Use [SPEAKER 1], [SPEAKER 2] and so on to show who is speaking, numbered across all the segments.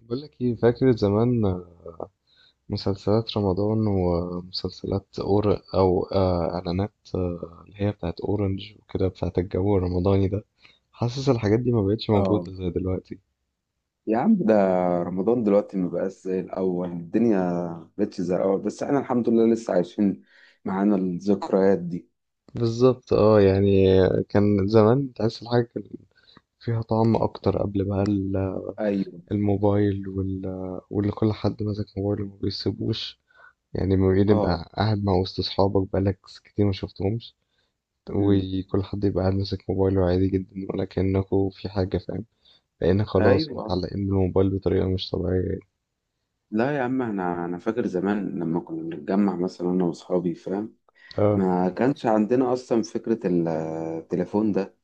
[SPEAKER 1] بقول لك ايه؟ فاكر زمان مسلسلات رمضان ومسلسلات أور او آه، اعلانات، اللي هي بتاعت اورنج وكده، بتاعت الجو الرمضاني ده. حاسس الحاجات دي ما بقتش
[SPEAKER 2] اه،
[SPEAKER 1] موجودة زي دلوقتي.
[SPEAKER 2] يا عم ده. رمضان دلوقتي ما بقاش زي الأول، الدنيا ما بقتش زي الأول بس احنا الحمد لله لسه عايشين معانا الذكريات دي.
[SPEAKER 1] بالظبط، اه يعني. كان زمان تحس الحاجة كان فيها طعم اكتر. قبل
[SPEAKER 2] أيوه،
[SPEAKER 1] الموبايل واللي كل حد ماسك موبايله ما بيسيبوش. يعني ما
[SPEAKER 2] اه،
[SPEAKER 1] بيبقى قاعد مع وسط اصحابك بقالك كتير ما شفتهمش،
[SPEAKER 2] أمم.
[SPEAKER 1] وكل حد يبقى قاعد ماسك موبايله عادي جدا، ولا كأنكوا في حاجة، فاهم؟ لأن خلاص
[SPEAKER 2] أيوه،
[SPEAKER 1] متعلقين بالموبايل بطريقة مش طبيعية.
[SPEAKER 2] لا يا عم، أنا فاكر زمان لما كنا بنتجمع مثلا أنا وأصحابي، فاهم؟
[SPEAKER 1] اه،
[SPEAKER 2] ما كانش عندنا أصلا فكرة التليفون ده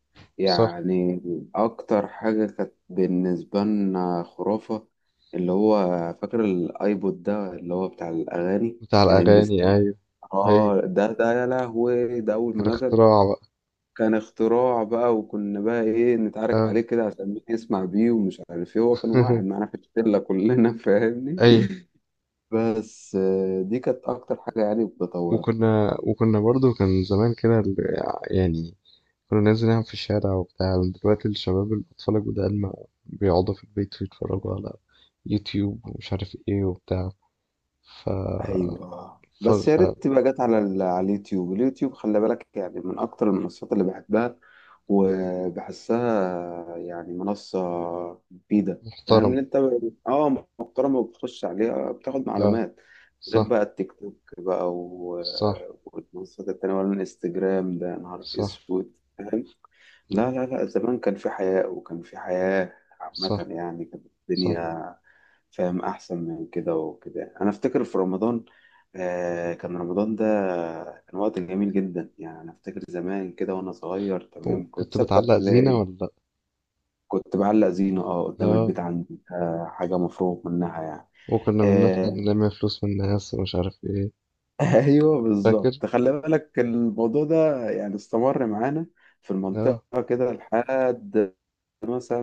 [SPEAKER 1] صح.
[SPEAKER 2] يعني. أكتر حاجة كانت بالنسبة لنا خرافة، اللي هو فاكر الأيبود ده اللي هو بتاع الأغاني.
[SPEAKER 1] بتاع
[SPEAKER 2] الام
[SPEAKER 1] الأغاني، أيوه أيوه.
[SPEAKER 2] اه ده يا لهوي، ده اول
[SPEAKER 1] كان
[SPEAKER 2] ما نزل
[SPEAKER 1] اختراع بقى.
[SPEAKER 2] كان اختراع بقى. وكنا بقى ايه نتعارك عليه
[SPEAKER 1] اه.
[SPEAKER 2] كده عشان مين يسمع بيه ومش عارف ايه، هو كان واحد معانا في الشله كلنا فاهمني.
[SPEAKER 1] أيوه.
[SPEAKER 2] بس آه، دي كانت اكتر حاجه يعني بتطورها.
[SPEAKER 1] وكنا برضو كان زمان كده يعني كنا ننزل نلعب في الشارع وبتاع. دلوقتي الشباب الأطفال الجداد ما بيقعدوا في البيت ويتفرجوا على يوتيوب ومش عارف ايه وبتاع. ف
[SPEAKER 2] ايوه،
[SPEAKER 1] ف,
[SPEAKER 2] بس يا
[SPEAKER 1] ف...
[SPEAKER 2] ريت تبقى جت على اليوتيوب. اليوتيوب خلي بالك، يعني من اكتر المنصات اللي بحبها وبحسها يعني منصة مفيدة. فاهم
[SPEAKER 1] محترمة.
[SPEAKER 2] ان انت، اه محترمة وبتخش عليها بتاخد
[SPEAKER 1] اه،
[SPEAKER 2] معلومات. غير
[SPEAKER 1] صح.
[SPEAKER 2] بقى التيك توك بقى
[SPEAKER 1] صح.
[SPEAKER 2] والمنصات التانية ولا الانستجرام، ده يا نهار
[SPEAKER 1] صح.
[SPEAKER 2] اسود. لا لا لا، زمان كان في حياء وكان في حياة عامة
[SPEAKER 1] صح.
[SPEAKER 2] يعني، كانت
[SPEAKER 1] صح.
[SPEAKER 2] الدنيا فاهم أحسن من كده. وكده أنا أفتكر في رمضان، كان رمضان ده كان وقت جميل جدا يعني. أنا أفتكر زمان كده وأنا صغير، تمام، كنت
[SPEAKER 1] وكنت
[SPEAKER 2] ستة
[SPEAKER 1] بتعلق زينة
[SPEAKER 2] ابتدائي
[SPEAKER 1] ولا لأ؟
[SPEAKER 2] كنت بعلق زينة، أه، قدام
[SPEAKER 1] اه،
[SPEAKER 2] البيت عندي، حاجة مفروغ منها يعني.
[SPEAKER 1] وكنا بنطلع
[SPEAKER 2] آه
[SPEAKER 1] نلم فلوس من الناس ومش عارف ايه.
[SPEAKER 2] أيوه
[SPEAKER 1] فاكر؟
[SPEAKER 2] بالظبط، خلي بالك الموضوع ده يعني استمر معانا في
[SPEAKER 1] اه.
[SPEAKER 2] المنطقة كده لحد مثلا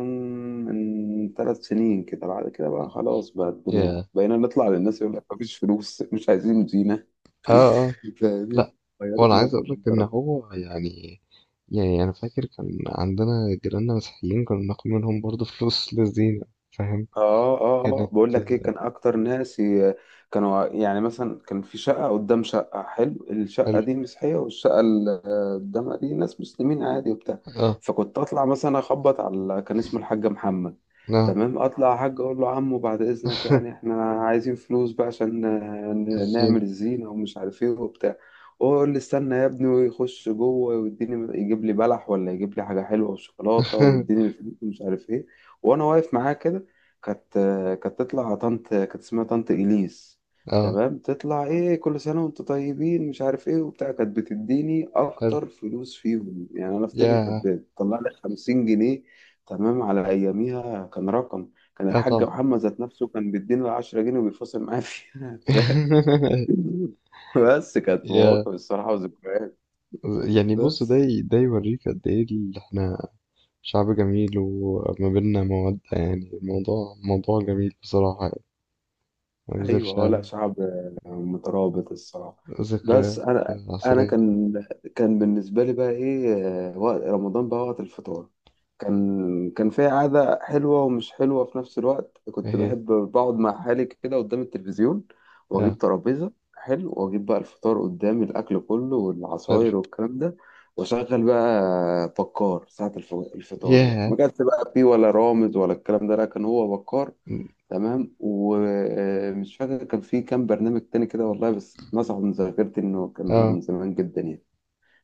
[SPEAKER 2] من 3 سنين كده. بعد كده بقى خلاص بقى الدنيا،
[SPEAKER 1] يا.
[SPEAKER 2] بقينا نطلع للناس يقول لك مفيش فلوس، مش عايزين زينة
[SPEAKER 1] اه اه.
[SPEAKER 2] فاهمين؟
[SPEAKER 1] لا،
[SPEAKER 2] غيرت
[SPEAKER 1] وانا عايز اقول لك
[SPEAKER 2] 180
[SPEAKER 1] ان
[SPEAKER 2] درجة.
[SPEAKER 1] هو يعني، يعني انا فاكر كان عندنا جيراننا مسيحيين كنا بناخد منهم برضه فلوس للزينة، فاهم؟
[SPEAKER 2] اه اه اه،
[SPEAKER 1] كانت.
[SPEAKER 2] بقول لك ايه، كان اكتر ناس كانوا يعني مثلا، كان في شقه قدام شقه حلو، الشقه
[SPEAKER 1] حلو.
[SPEAKER 2] دي مسيحيه والشقه اللي قدامها دي ناس مسلمين عادي وبتاع.
[SPEAKER 1] اه
[SPEAKER 2] فكنت اطلع مثلا اخبط على، كان اسمه الحاج محمد،
[SPEAKER 1] اه.
[SPEAKER 2] تمام، اطلع يا حاج اقول له عمو بعد اذنك يعني احنا عايزين فلوس بقى عشان نعمل
[SPEAKER 1] الزينة.
[SPEAKER 2] الزينه ومش عارف ايه وبتاع. هو يقول لي استنى يا ابني ويخش جوه ويديني، يجيب لي بلح ولا يجيب لي حاجه حلوه وشوكولاته ويديني الفلوس ومش عارف ايه. وانا واقف معاه كده، كانت كانت تطلع طنط، كانت اسمها طنط إليس،
[SPEAKER 1] اه.
[SPEAKER 2] تمام، تطلع ايه كل سنة وانتوا طيبين مش عارف ايه وبتاع، كانت بتديني
[SPEAKER 1] حلو.
[SPEAKER 2] اكتر فلوس فيهم، يعني انا افتكر
[SPEAKER 1] يا.
[SPEAKER 2] كانت بتطلع لي 50 جنيه. تمام، على اياميها كان رقم. كان
[SPEAKER 1] اه
[SPEAKER 2] الحاج
[SPEAKER 1] طبعا.
[SPEAKER 2] محمد ذات نفسه كان بيدينا 10 جنيه وبيفاصل معايا فيها بس كانت
[SPEAKER 1] يا.
[SPEAKER 2] مواقف الصراحة، وذكريات.
[SPEAKER 1] يعني بص،
[SPEAKER 2] بس
[SPEAKER 1] ده يوريك قد ايه اللي احنا شعب جميل وما بيننا مودة. يعني الموضوع موضوع جميل بصراحة يعني، ما
[SPEAKER 2] ايوه،
[SPEAKER 1] أكذبش
[SPEAKER 2] هو لا
[SPEAKER 1] عليك.
[SPEAKER 2] شعب، مترابط الصراحه. بس
[SPEAKER 1] ذكريات
[SPEAKER 2] انا
[SPEAKER 1] عسلية.
[SPEAKER 2] كان بالنسبه لي بقى ايه، وقت رمضان بقى وقت الفطار. كان في عاده حلوه ومش حلوه في نفس الوقت، كنت
[SPEAKER 1] أهي.
[SPEAKER 2] بحب بقعد مع حالي كده قدام التلفزيون واجيب
[SPEAKER 1] آه.
[SPEAKER 2] ترابيزه حلو واجيب بقى الفطار قدامي، الاكل كله
[SPEAKER 1] حلو.
[SPEAKER 2] والعصاير والكلام ده، واشغل بقى بكار ساعه الفطار. بقى
[SPEAKER 1] ياه.
[SPEAKER 2] ما كانش بقى فيه ولا رامز ولا الكلام ده، لا كان هو بكار. تمام، ومش فاكر كان في كام برنامج تاني كده والله، بس مسحوا من ذاكرتي انه كان
[SPEAKER 1] آه
[SPEAKER 2] من زمان جدا يعني.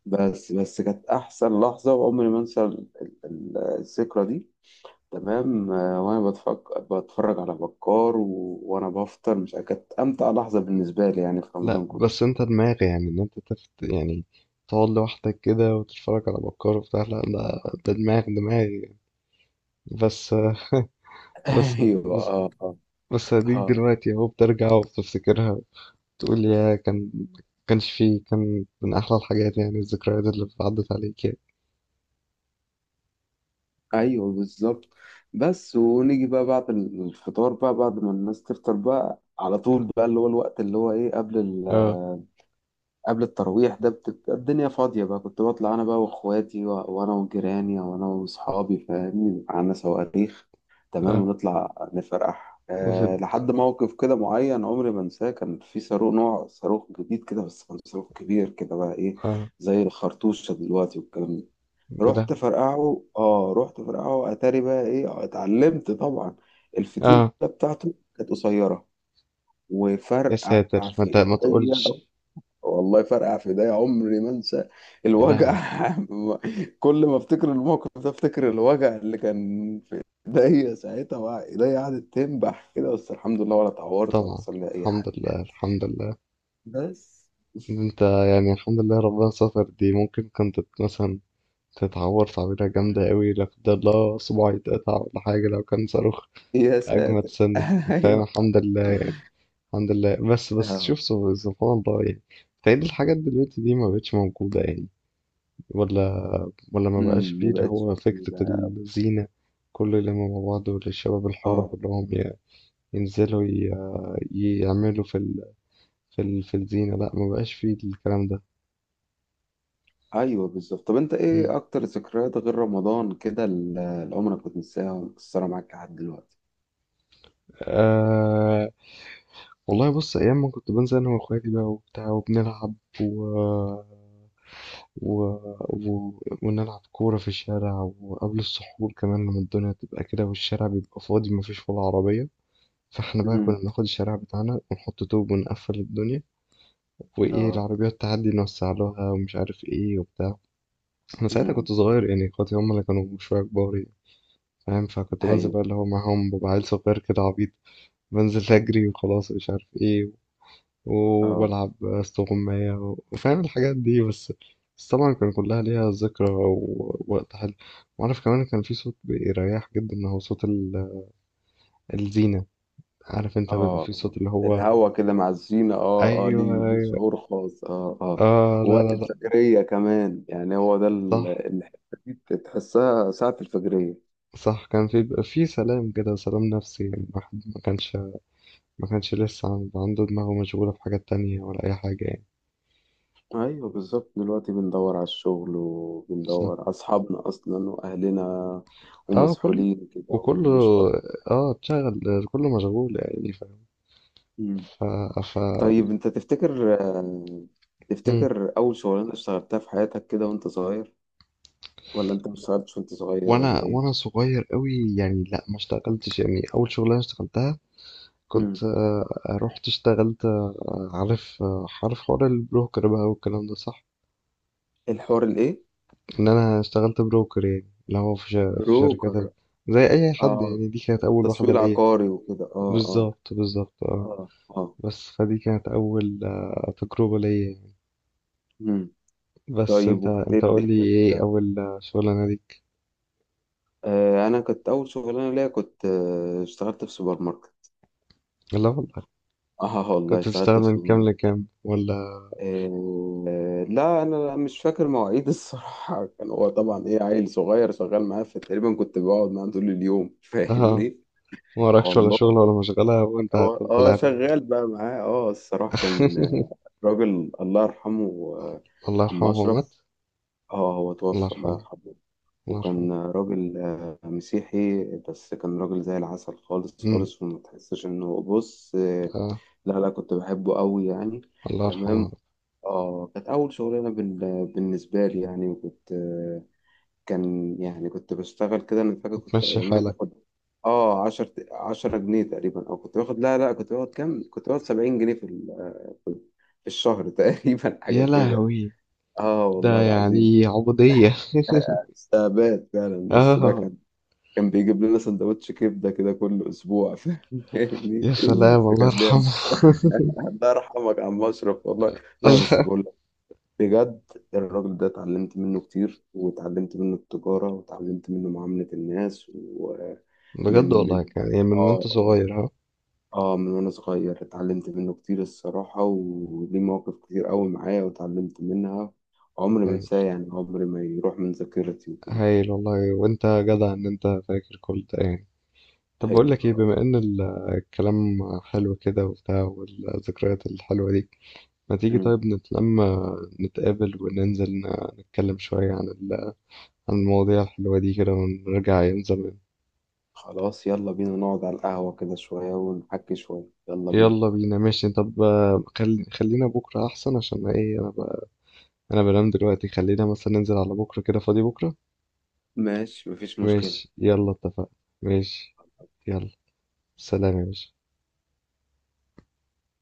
[SPEAKER 2] بس كانت احسن لحظه وعمري ما انسى الذكرى دي. تمام، وانا بتفرج على بكار وانا بفطر مش عارف، كانت امتع لحظه بالنسبه لي يعني في
[SPEAKER 1] لا،
[SPEAKER 2] رمضان
[SPEAKER 1] بس
[SPEAKER 2] كله.
[SPEAKER 1] أنت دماغي، يعني إن أنت تفت يعني، تقعد لوحدك كده وتتفرج على بكار وبتاع. لا لا، ده دماغي. بس آه، بس.
[SPEAKER 2] ايوه،
[SPEAKER 1] بس.
[SPEAKER 2] اه، اه.
[SPEAKER 1] بس هديك
[SPEAKER 2] آه.
[SPEAKER 1] دلوقتي أهو بترجع وبتفتكرها. تقول يا كان، كانش فيه. كان من أحلى الحاجات، يعني الذكريات اللي عدت عليك يعني.
[SPEAKER 2] ايوه بالظبط. بس ونيجي بقى بعد الفطار بقى، بعد ما الناس تفطر بقى على طول بقى، اللي هو الوقت اللي هو ايه، قبل
[SPEAKER 1] اه.
[SPEAKER 2] قبل الترويح ده، بتبقى الدنيا فاضية بقى. كنت بطلع أنا بقى وإخواتي وأنا وجيراني وأنا وأصحابي، فاهمني، بيبقى عندنا صواريخ. تمام،
[SPEAKER 1] آه
[SPEAKER 2] ونطلع نفرح.
[SPEAKER 1] وسط.
[SPEAKER 2] أه، لحد موقف كده معين عمري ما أنساه، كان في صاروخ، نوع صاروخ جديد كده بس، كان صاروخ كبير كده بقى إيه
[SPEAKER 1] اه.
[SPEAKER 2] زي الخرطوشة دلوقتي والكلام ده.
[SPEAKER 1] يا
[SPEAKER 2] رحت
[SPEAKER 1] لهوي.
[SPEAKER 2] فرقعه، آه رحت فرقعه، أتاري بقى إيه اتعلمت طبعا، الفتيلة
[SPEAKER 1] اه.
[SPEAKER 2] بتاعته كانت قصيرة
[SPEAKER 1] يا
[SPEAKER 2] وفرقع
[SPEAKER 1] ساتر، ما انت
[SPEAKER 2] في
[SPEAKER 1] ما
[SPEAKER 2] إيديا.
[SPEAKER 1] تقولش.
[SPEAKER 2] والله فرقع في ايديا، عمري ما انسى
[SPEAKER 1] يا
[SPEAKER 2] الوجع
[SPEAKER 1] لهوي.
[SPEAKER 2] كل ما افتكر الموقف ده افتكر الوجع اللي كان في ايديا ساعتها. ايديا قعدت تنبح كده، بس الحمد لله ولا اتعورت ولا
[SPEAKER 1] طبعا،
[SPEAKER 2] حصل لي اي
[SPEAKER 1] الحمد
[SPEAKER 2] حاجه
[SPEAKER 1] لله
[SPEAKER 2] يعني.
[SPEAKER 1] الحمد لله.
[SPEAKER 2] بس
[SPEAKER 1] إن انت يعني الحمد لله ربنا ستر. دي ممكن كنت مثلا تتعور تعويرة جامدة
[SPEAKER 2] مم.
[SPEAKER 1] قوي، لا قدر الله صباعي يتقطع ولا حاجة لو كان صاروخ
[SPEAKER 2] يا
[SPEAKER 1] أجمد
[SPEAKER 2] ساتر
[SPEAKER 1] سنة، فاهم؟
[SPEAKER 2] ايوه.
[SPEAKER 1] الحمد لله يعني. الحمد لله. بس بس شوف،
[SPEAKER 2] اه.
[SPEAKER 1] سبحان الله يعني. تهيألي الحاجات دلوقتي دي ما بقتش موجودة يعني. ولا ولا ما بقاش
[SPEAKER 2] امم،
[SPEAKER 1] فيه
[SPEAKER 2] ما
[SPEAKER 1] اللي
[SPEAKER 2] بقتش
[SPEAKER 1] هو فكرة
[SPEAKER 2] كده.
[SPEAKER 1] الزينة، كل اللي مع بعض والشباب الحر
[SPEAKER 2] اه.
[SPEAKER 1] كلهم يعني ينزلوا، يعملوا في الزينة. لا، ما بقاش فيه الكلام ده.
[SPEAKER 2] ايوه بالظبط. طب انت
[SPEAKER 1] مم.
[SPEAKER 2] ايه اكتر ذكريات غير رمضان كده، اللي عمرك ما تنساها ومكسره معاك لحد دلوقتي؟
[SPEAKER 1] أه... والله بص، أيام ما كنت بنزل أنا وأخواتي بقى وبتاع وبنلعب و... و... ونلعب كورة في الشارع، وقبل السحور كمان لما الدنيا تبقى كده والشارع بيبقى فاضي مفيش ولا عربية، فاحنا بقى كنا
[SPEAKER 2] امم.
[SPEAKER 1] بناخد الشارع بتاعنا ونحط طوب ونقفل الدنيا، وايه
[SPEAKER 2] اه.
[SPEAKER 1] العربيات تعدي نوسع لها ومش عارف ايه وبتاع. انا ساعتها
[SPEAKER 2] امم.
[SPEAKER 1] كنت صغير يعني، اخواتي هم اللي كانوا شوية كبار يعني. فاهم؟ فكنت بنزل بقى اللي
[SPEAKER 2] ايوه،
[SPEAKER 1] هو معاهم، ببقى عيل صغير كده عبيط، بنزل أجري وخلاص مش عارف إيه،
[SPEAKER 2] اه
[SPEAKER 1] وبلعب استغماية وفاهم الحاجات دي. بس بس طبعا كان كلها ليها ذكرى ووقت حلو. وعارف كمان كان في صوت بيريح جدا، هو صوت الزينة. عارف انت بيبقى في
[SPEAKER 2] اه،
[SPEAKER 1] صوت اللي هو.
[SPEAKER 2] الهوا كده مع الزينة، اه اه،
[SPEAKER 1] ايوه
[SPEAKER 2] ليه ليه
[SPEAKER 1] ايوه.
[SPEAKER 2] شعور خاص، اه اه.
[SPEAKER 1] اه لا لا
[SPEAKER 2] وقت
[SPEAKER 1] لا.
[SPEAKER 2] الفجرية كمان يعني، هو ده
[SPEAKER 1] صح.
[SPEAKER 2] الحتة دي تحسها ساعة الفجرية.
[SPEAKER 1] صح، كان في بيبقى في سلام كده، سلام نفسي يعني. الواحد ما كانش ما كانش لسه عنده دماغه مشغولة في حاجات تانية ولا أي حاجة يعني.
[SPEAKER 2] ايوه بالظبط، دلوقتي بندور على الشغل
[SPEAKER 1] بس.
[SPEAKER 2] وبندور على اصحابنا اصلا واهلنا،
[SPEAKER 1] اه كل.
[SPEAKER 2] ومسحولين كده
[SPEAKER 1] وكله
[SPEAKER 2] ومش فاضي.
[SPEAKER 1] اه اتشغل. كله مشغول يعني، فاهم؟
[SPEAKER 2] مم.
[SPEAKER 1] ف ف.
[SPEAKER 2] طيب انت تفتكر،
[SPEAKER 1] مم.
[SPEAKER 2] تفتكر اول شغلانة اشتغلتها في حياتك كده وانت صغير، ولا انت ما اشتغلتش وانت صغير، ولا
[SPEAKER 1] وانا
[SPEAKER 2] ايه؟
[SPEAKER 1] وانا صغير قوي يعني، لا ما اشتغلتش يعني. اول شغلانه اشتغلتها،
[SPEAKER 2] مم.
[SPEAKER 1] كنت رحت اشتغلت، عارف، عارف حوار البروكر بقى والكلام ده، صح؟
[SPEAKER 2] الحوار الايه؟
[SPEAKER 1] ان انا اشتغلت بروكر، يعني اللي هو في شركات
[SPEAKER 2] بروكر.
[SPEAKER 1] زي اي حد
[SPEAKER 2] اه،
[SPEAKER 1] يعني. دي كانت اول واحده
[SPEAKER 2] تسويق
[SPEAKER 1] ليا.
[SPEAKER 2] عقاري وكده، اه اه،
[SPEAKER 1] بالظبط بالظبط، اه.
[SPEAKER 2] اه اه.
[SPEAKER 1] بس فدي كانت اول تجربه ليا.
[SPEAKER 2] مم.
[SPEAKER 1] بس
[SPEAKER 2] طيب
[SPEAKER 1] انت
[SPEAKER 2] وكانت ايه
[SPEAKER 1] انت قول لي
[SPEAKER 2] الدنيا
[SPEAKER 1] ايه
[SPEAKER 2] فيها.
[SPEAKER 1] اول شغلانه ليك؟
[SPEAKER 2] آه، انا كنت اول شغلانه ليا كنت اشتغلت في سوبر ماركت.
[SPEAKER 1] لا والله.
[SPEAKER 2] اه والله،
[SPEAKER 1] كنت
[SPEAKER 2] اشتغلت
[SPEAKER 1] بتشتغل
[SPEAKER 2] في
[SPEAKER 1] من
[SPEAKER 2] سوبر
[SPEAKER 1] كام
[SPEAKER 2] ماركت.
[SPEAKER 1] لكام ولا؟
[SPEAKER 2] آه لا انا مش فاكر مواعيد الصراحه، كان هو طبعا ايه عيل صغير شغال معاه، فتقريبا كنت بقعد معاه طول اليوم
[SPEAKER 1] اه،
[SPEAKER 2] فاهمني.
[SPEAKER 1] ما وراكش ولا
[SPEAKER 2] والله،
[SPEAKER 1] شغل ولا مشغله وانت
[SPEAKER 2] اه
[SPEAKER 1] هتفضل
[SPEAKER 2] اه،
[SPEAKER 1] قاعد معايا.
[SPEAKER 2] شغال بقى معاه، اه، الصراحه كان راجل الله يرحمه،
[SPEAKER 1] الله
[SPEAKER 2] عم
[SPEAKER 1] يرحمه، هو مات؟
[SPEAKER 2] اشرف. اه، هو
[SPEAKER 1] الله
[SPEAKER 2] توفى الله
[SPEAKER 1] يرحمه.
[SPEAKER 2] يرحمه.
[SPEAKER 1] الله يرحمه.
[SPEAKER 2] وكان راجل، مسيحي، بس كان راجل زي العسل خالص
[SPEAKER 1] امم
[SPEAKER 2] خالص، وما تحسش انه بص،
[SPEAKER 1] اه.
[SPEAKER 2] لا لا، كنت بحبه قوي يعني.
[SPEAKER 1] الله يرحمه.
[SPEAKER 2] تمام، اه كانت اول شغلانه بالنسبه لي يعني. وكنت كان يعني كنت بشتغل كده، انا فاكر كنت
[SPEAKER 1] تمشي
[SPEAKER 2] ايامها
[SPEAKER 1] حالك.
[SPEAKER 2] باخد، اه، 10 10 جنيه تقريبا، او كنت باخد لا لا كنت باخد كام، كنت باخد 70 جنيه في في الشهر تقريبا حاجه
[SPEAKER 1] يا
[SPEAKER 2] كده.
[SPEAKER 1] لهوي،
[SPEAKER 2] اه والله
[SPEAKER 1] ده
[SPEAKER 2] العظيم.
[SPEAKER 1] يعني عبوديه.
[SPEAKER 2] استعباد فعلا، بس لا
[SPEAKER 1] اه.
[SPEAKER 2] كان بيجيب لنا سندوتش كبده كده كل اسبوع فاهمني.
[SPEAKER 1] يا سلام، الله
[SPEAKER 2] كان
[SPEAKER 1] يرحمه.
[SPEAKER 2] بيعمل الله يرحمك يا عم اشرف والله. لا بس
[SPEAKER 1] الله.
[SPEAKER 2] بقول لك بجد، الراجل ده اتعلمت منه كتير واتعلمت منه التجاره واتعلمت منه معامله الناس ومن
[SPEAKER 1] بجد والله.
[SPEAKER 2] من
[SPEAKER 1] كان يعني من
[SPEAKER 2] اه
[SPEAKER 1] وانت
[SPEAKER 2] اه،
[SPEAKER 1] صغير، ها؟
[SPEAKER 2] من وانا صغير اتعلمت منه كتير الصراحه، وليه مواقف كتير قوي معايا واتعلمت منها. عمري ما انساه
[SPEAKER 1] هايل.
[SPEAKER 2] يعني، عمري ما يروح من ذاكرتي وكده.
[SPEAKER 1] هايل والله، وانت جدع ان انت فاكر كل ده يعني. طب بقول لك ايه،
[SPEAKER 2] ايوه
[SPEAKER 1] بما ان الكلام حلو كده وبتاع، والذكريات الحلوة دي، ما تيجي طيب نتلم، نتقابل وننزل نتكلم شوية عن عن المواضيع الحلوة دي كده، ونرجع أيام زمان.
[SPEAKER 2] خلاص، يلا بينا نقعد على القهوة كده شوية ونحكي شوية، يلا بينا.
[SPEAKER 1] يلا بينا، ماشي. طب آه، خلينا بكرة أحسن، عشان ايه أنا بقى أنا بنام دلوقتي. خلينا مثلا ننزل على بكرة، كده فاضي بكرة.
[SPEAKER 2] ماشي مفيش مشكلة.
[SPEAKER 1] ماشي، يلا اتفقنا. ماشي. يلا. سلام يا باشا.